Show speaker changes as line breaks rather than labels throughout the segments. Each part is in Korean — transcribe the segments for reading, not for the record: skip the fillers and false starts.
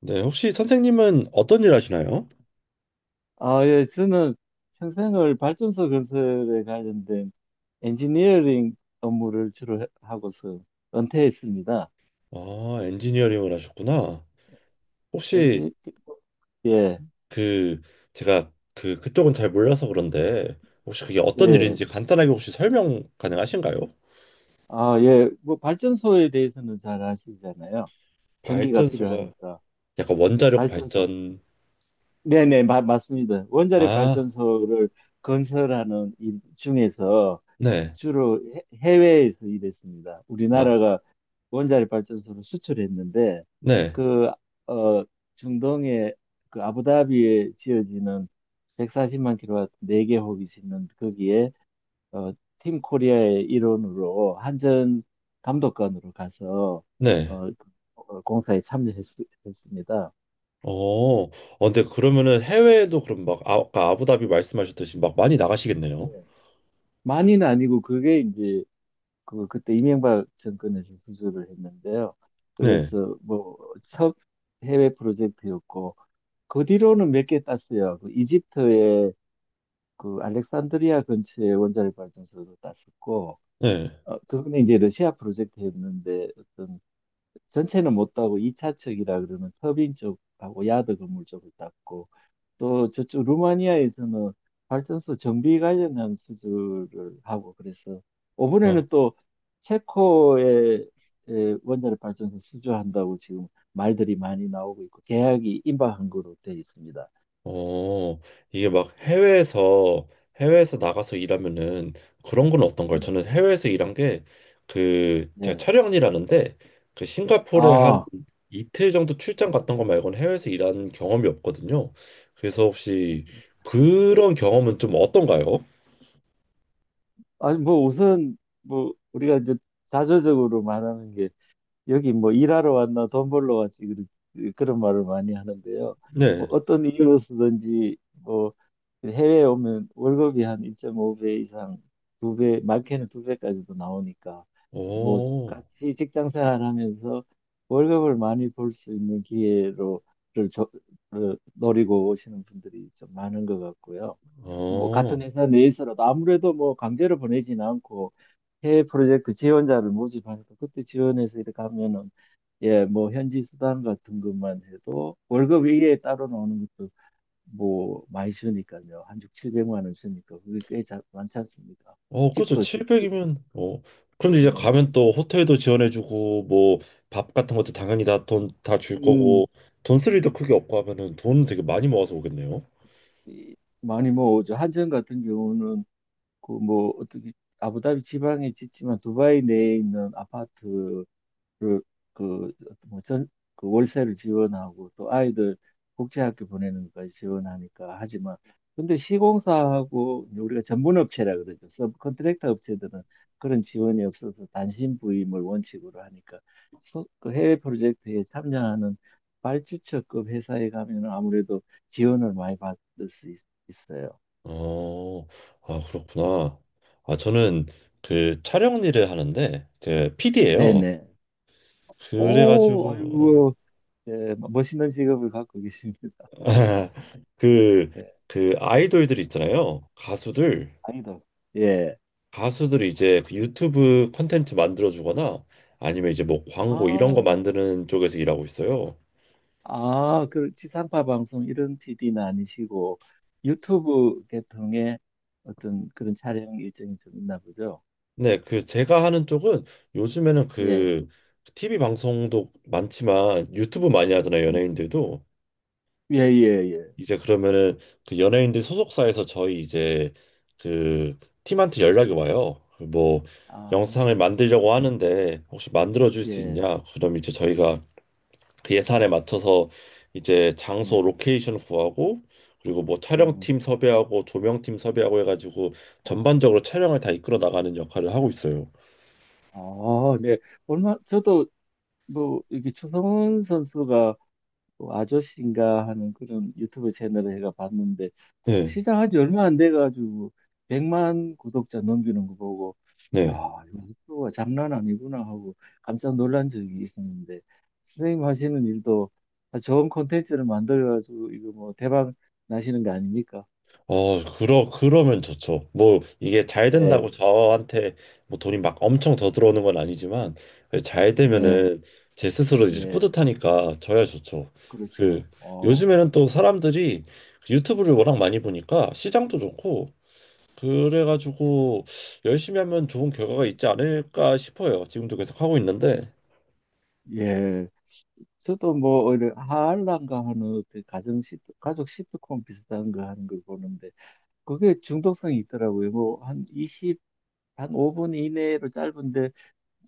네, 혹시 선생님은 어떤 일 하시나요?
아, 예, 저는 평생을 발전소 건설에 관련된 엔지니어링 업무를 주로 하고서 은퇴했습니다.
아, 엔지니어링을 하셨구나. 혹시
엔지, 예,
그 제가 그 그쪽은 잘 몰라서 그런데 혹시 그게 어떤
예.
일인지 간단하게 혹시 설명 가능하신가요?
아, 예. 뭐 발전소에 대해서는 잘 아시잖아요. 전기가
발전소가
필요하니까.
약간 원자력
발전소.
발전.
네네, 맞습니다. 원자력
아,
발전소를 건설하는 일 중에서
네.
주로 해외에서 일했습니다.
아,
우리나라가 원자력 발전소를 수출했는데
네.
그 어, 중동의 그 아부다비에 지어지는 140만 킬로와트 4개 호기 있는 거기에 어, 팀 코리아의 일원으로 한전 감독관으로 가서
네.
어, 그, 공사에 참여했습니다.
어, 어, 근데 그러면은 해외에도 그럼 막 아, 아까 아부다비 말씀하셨듯이 막 많이 나가시겠네요.
많이는 아니고 그게 이제 그때 이명박 정권에서 수주를 했는데요.
네.
그래서 뭐 첫 해외 프로젝트였고 그 뒤로는 몇 개 땄어요. 그 이집트의 그 알렉산드리아 근처의 원자력 발전소도 땄었고
네.
그거는 이제 러시아 프로젝트였는데 어떤 전체는 못 따고 2차측이라 그러면 터빈 쪽하고 야드 건물 쪽을 땄고 또 저쪽 루마니아에서는 발전소 정비 관련한 수주를 하고 그래서
어,
이번에는 또 체코의 원자력 발전소 수주한다고 지금 말들이 많이 나오고 있고 계약이 임박한 거로 돼 있습니다.
어, 이게 막 해외에서 나가서 일하면은 그런 건 어떤가요?
음,
저는 해외에서 일한 게 그, 제가
네.
촬영 일하는데 그 싱가포르에 한
아,
이틀 정도 출장
예.
갔던 거 말고는 해외에서 일한 경험이 없거든요. 그래서 혹시 그런 경험은 좀 어떤가요?
아니 뭐 우선 뭐 우리가 이제 자조적으로 말하는 여기 뭐 일하러 왔나 돈 벌러 왔지 그런 말을 많이 하는데요. 뭐
네.
어떤 이유로서든지 뭐 해외에 오면 월급이 한 2.5배 이상 두 배, 많게는 두 배까지도 나오니까 뭐
오,
같이 직장 생활하면서 월급을 많이 벌 수 있는 기회로를 저, 를 노리고 오시는 분들이 좀 많은 것 같고요. 뭐
어.
같은 회사 내에서라도 아무래도 뭐 강제로 보내지는 않고 해외 프로젝트 지원자를 모집하니까 그때 지원해서 이렇게 하면은 예, 뭐 현지 수당 같은 것만 해도 월급 위에 따로 나오는 것도 뭐 많이 주니까요. 한주 700만 원 주니까 그게 꽤 많지 않습니까?
어, 그렇죠.
집도 집,
700이면 어. 그런데 이제
네,
가면
집,
또 호텔도 지원해주고 뭐 밥 같은 것도 당연히 다 돈 다 줄 거고
음,
돈 쓸 일도 크게 없고 하면은 돈 되게 많이 모아서 오겠네요.
이- 많이 모으죠. 한전 같은 경우는 그 뭐 어떻게 아부다비 지방에 짓지만 두바이 내에 있는 아파트 그, 그, 뭐 전, 그 월세를 지원하고 또 아이들 국제학교 보내는 거 지원하니까 하지만 근데 시공사하고 이제 우리가 전문업체라 그러죠. 서브컨트랙터 업체들은 그런 지원이 없어서 단신 부임을 원칙으로 하니까 그 해외 프로젝트에 참여하는 발주처급 회사에 가면 아무래도 지원을 많이 받을 수 있어요.
어, 아 그렇구나. 아 저는 그 촬영 일을 하는데 제 PD예요.
네네. 오,
그래가지고
아이고, 예, 멋있는 직업을 갖고 계십니다.
그
예,
그 아이돌들 있잖아요. 가수들.
아니다. 예.
가수들이 이제 그 유튜브 콘텐츠 만들어주거나 아니면 이제 뭐 광고 이런 거
아,
만드는 쪽에서 일하고 있어요.
아, 그 지상파 방송 이런 PD는 아니시고 유튜브 계통의 어떤 그런 촬영 일정이 좀 있나 보죠?
네, 그 제가 하는 쪽은 요즘에는
예,
그 TV 방송도 많지만 유튜브 많이 하잖아요,
음,
연예인들도.
예, 예, 예.
이제 그러면은 그 연예인들 소속사에서 저희 이제 그 팀한테 연락이 와요. 뭐
아,
영상을 만들려고 하는데 혹시 만들어 줄 수
예,
있냐? 그럼 이제 저희가 그 예산에 맞춰서 이제 장소
네,
로케이션 구하고 그리고 뭐
음,
촬영팀 섭외하고 조명팀 섭외하고 해가지고
아,
전반적으로 촬영을 다 이끌어 나가는 역할을 하고 있어요.
아, 네. 얼마 저도 뭐 이게 추성훈 선수가 뭐 아저씨인가 하는 그런 유튜브 채널을 제가 봤는데
네,
시작한 지 얼마 안 돼가지고 100만 구독자 넘기는 거 보고 야,
네.
이거 속도가 장난 아니구나 하고 깜짝 놀란 적이 있었는데 선생님 하시는 일도 좋은 콘텐츠를 만들어가지고 이거 뭐 대박 나시는 거 아닙니까?
어, 그러면 좋죠. 뭐 이게 잘 된다고
네,
저한테 뭐 돈이 막 엄청 더 들어오는 건 아니지만 잘
네,
되면은 제 스스로 이제
네,
뿌듯하니까 저야 좋죠. 그
그렇죠. 어,
요즘에는 또 사람들이 그 유튜브를 워낙 많이 보니까 시장도 좋고 그래가지고 열심히 하면 좋은 결과가
예.
있지 않을까 싶어요. 지금도 계속 하고 있는데,
예. 저도 뭐 오히려 하알란가 하는 어떤 가정 시 가족 시트콤 비슷한 거 하는 걸 보는데 그게 중독성이 있더라고요. 뭐 한 5분 이내로 짧은데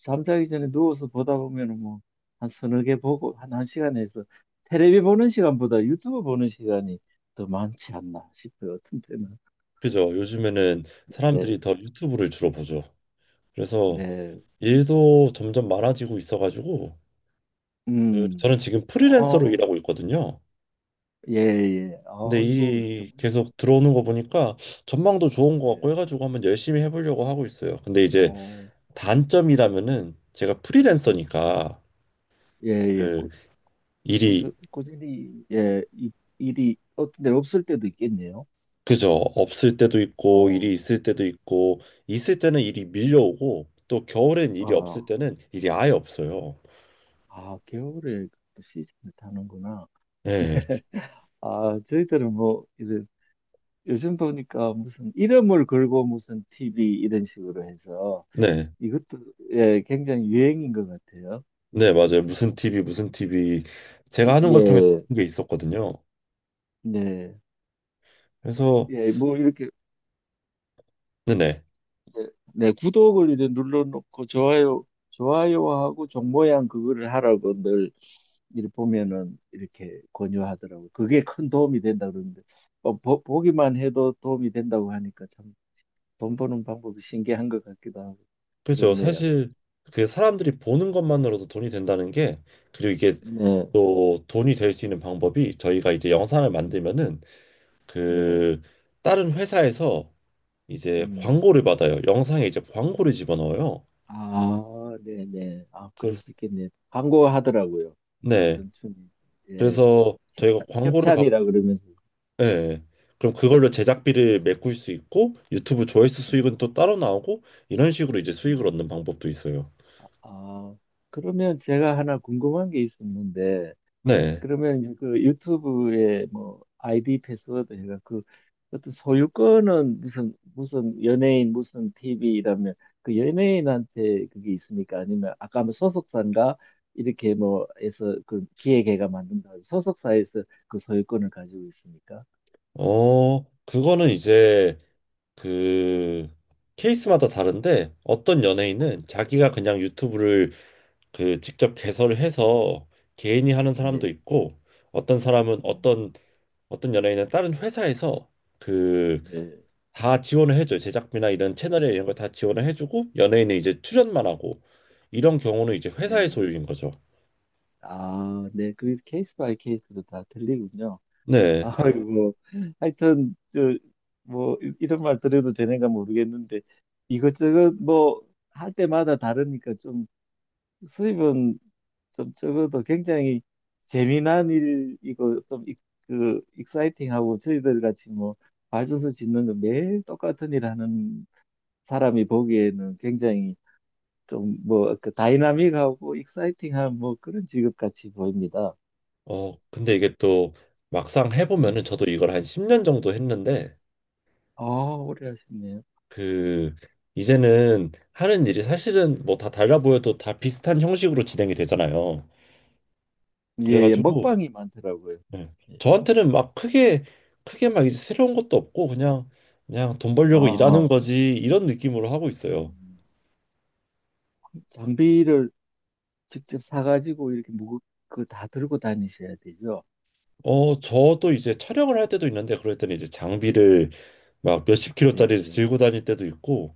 잠자기 전에 누워서 보다 보면은 뭐 한 서너 개 보고 한 1시간에서 테레비 보는 시간보다 유튜브 보는 시간이 더 많지 않나 싶어요. 어떤 때는.
그죠? 요즘에는
네.
사람들이 더 유튜브를 주로 보죠. 그래서
네.
일도 점점 많아지고 있어가지고, 그
음.
저는 지금 프리랜서로
어.
일하고 있거든요.
예, 예.
근데
아이고 좀
일이 계속 들어오는 거 보니까 전망도 좋은 것 같고
예.
해가지고 한번 열심히 해보려고 하고 있어요. 근데 이제
뭐
단점이라면은 제가
음.
프리랜서니까
예, 예.
그
꾸,
일이
꾸준, 꾸준히 예, 일이 어떤 데 없을 때도 있겠네요.
그죠. 없을 때도 있고, 일이
어.
있을 때도 있고, 있을 때는 일이 밀려오고, 또 겨울엔 일이 없을
아,
때는 일이 아예 없어요.
아, 겨울에 그 시즌을 타는구나.
네,
아, 저희들은 뭐, 이제 요즘 보니까 무슨 이름을 걸고 무슨 TV 이런 식으로 해서
네,
이것도 예, 굉장히 유행인 것 같아요.
네, 맞아요. 무슨 TV, 무슨 TV. 제가 하는 것 중에
예,
그런 게 있었거든요.
네.
그래서,
예, 뭐 이렇게
네네.
예, 네, 구독을 이제 눌러놓고 좋아요, 좋아요하고 종 모양 그거를 하라고 늘 이렇게 보면은 이렇게 권유하더라고요. 그게 큰 도움이 된다 그러는데 보기만 해도 도움이 된다고 하니까 참 돈 버는 방법이 신기한 것 같기도 하고
그죠.
그렇네요.
사실, 그 사람들이 보는 것만으로도 돈이 된다는 게, 그리고 이게
네,
또 돈이 될 수 있는 방법이 저희가 이제 영상을
네,
만들면은,
네.
그, 다른 회사에서 이제
음,
광고를 받아요. 영상에 이제 광고를 집어넣어요.
아, 네네. 아, 그럴
그-
수 있겠네. 광고하더라고요.
네.
어떤 춤 예,
그래서 저희가 광고를
협찬이라
받고,
그러면서.
네. 그럼 그걸로 제작비를 메꿀 수 있고 유튜브 조회수
음,
수익은 또 따로 나오고 이런 식으로 이제 수익을
음.
얻는 방법도 있어요.
아, 그러면 제가 하나 궁금한 게 있었는데,
네.
그러면 그 유튜브에 뭐 아이디 패스워드 해가 그 어떤 소유권은 무슨 무슨 연예인 무슨 TV 이러면 그 연예인한테 그게 있습니까? 아니면 아까 뭐 소속사인가 이렇게 뭐 해서 그 기획회가 만든다 소속사에서 그 소유권을 가지고 있습니까?
어, 그거는 이제 그 케이스마다 다른데 어떤 연예인은 자기가 그냥 유튜브를 그 직접 개설을 해서 개인이 하는 사람도
네.
있고 어떤 사람은
음,
어떤 연예인은 다른 회사에서 그
네.
다 지원을 해줘요. 제작비나 이런 채널에 이런 거 다 지원을 해주고 연예인은 이제 출연만 하고 이런 경우는 이제 회사의
네.
소유인 거죠.
아, 네. 그 케이스 바이 케이스로 다 틀리군요.
네.
아이고, 뭐. 하여튼, 뭐, 이런 말 드려도 되는가 모르겠는데, 이것저것 뭐, 할 때마다 다르니까 좀 수입은 좀 적어도 굉장히 재미난 일이고, 좀, 익사이팅하고, 저희들 같이 뭐, 발전소 짓는 거 매일 똑같은 일 하는 사람이 보기에는 굉장히 좀 뭐, 그 다이나믹하고, 익사이팅한 뭐 그런 직업 같이 보입니다.
어 근데 이게 또 막상
네.
해보면은 저도 이걸 한 10년 정도 했는데
아, 오래 하셨네요.
그 이제는 하는 일이 사실은 뭐 다 달라 보여도 다 비슷한 형식으로 진행이 되잖아요.
예, 예,
그래가지고
먹방이 많더라고요.
예.
예.
저한테는 막 크게 크게 막 이제 새로운 것도 없고 그냥 그냥 돈
아,
벌려고 일하는
아.
거지 이런 느낌으로 하고 있어요.
음, 장비를 직접 사가지고 이렇게 그다 들고 다니셔야 되죠.
어, 저도 이제 촬영을 할 때도 있는데 그럴 때는 이제 장비를 막 몇십
네,
킬로짜리를 들고 다닐 때도 있고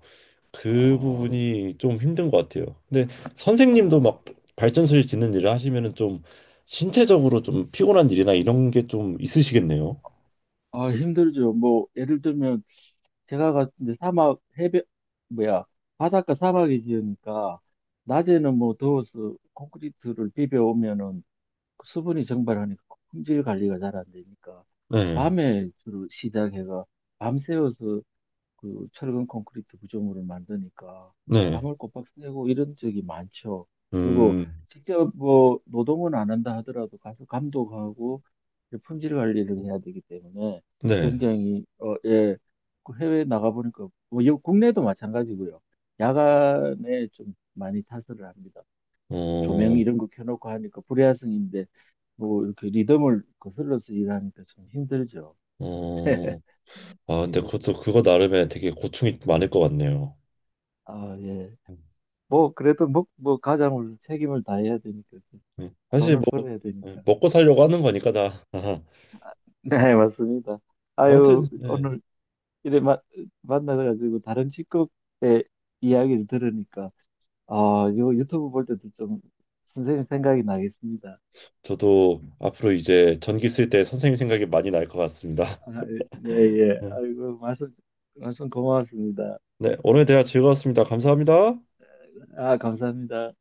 그
아,
부분이 좀 힘든 것 같아요. 근데
아,
선생님도 막 발전소를 짓는 일을 하시면은 좀 신체적으로 좀 피곤한 일이나 이런 게 좀 있으시겠네요.
아, 힘들죠. 뭐, 예를 들면, 제가 갔는데 사막, 해변, 뭐야, 바닷가 사막이 지으니까, 낮에는 뭐 더워서 콘크리트를 비벼오면은 수분이 정발하니까 품질 관리가 잘 안 되니까,
네,
밤에 주로 밤새워서 그 철근 콘크리트 구조물을 만드니까
네,
밤을 꼬박 새고 이런 적이 많죠. 그리고
음,
직접 뭐 노동은 안 한다 하더라도 가서 감독하고 이제 품질 관리를 해야 되기 때문에
네,
굉장히 예, 그 해외에 나가보니까 뭐 국내도 마찬가지고요. 야간에 좀 많이 타설을 합니다. 조명
어,
이런 거 켜놓고 하니까 불야성인데 뭐 이렇게 리듬을 거슬러서 일하니까 좀 힘들죠.
어, 아, 근데
예.
그것도 그거 나름에 되게 고충이 많을 것 같네요.
아, 예. 뭐 그래도 뭐 가장으로 책임을 다해야 되니까
네. 사실
돈을
뭐
벌어야
네,
되니까.
먹고 살려고 하는 거니까 다.
네, 맞습니다. 아유,
아무튼, 네.
오늘 이래 만나가지고 다른 직업의 이야기를 들으니까 요 유튜브 볼 때도 좀 선생님 생각이 나겠습니다.
저도 앞으로 이제 전기 쓸 때 선생님 생각이 많이 날 것 같습니다.
아, 예, 예.
네,
아이고, 말씀 고마웠습니다.
네, 오늘 대화 즐거웠습니다. 감사합니다.
아, 감사합니다.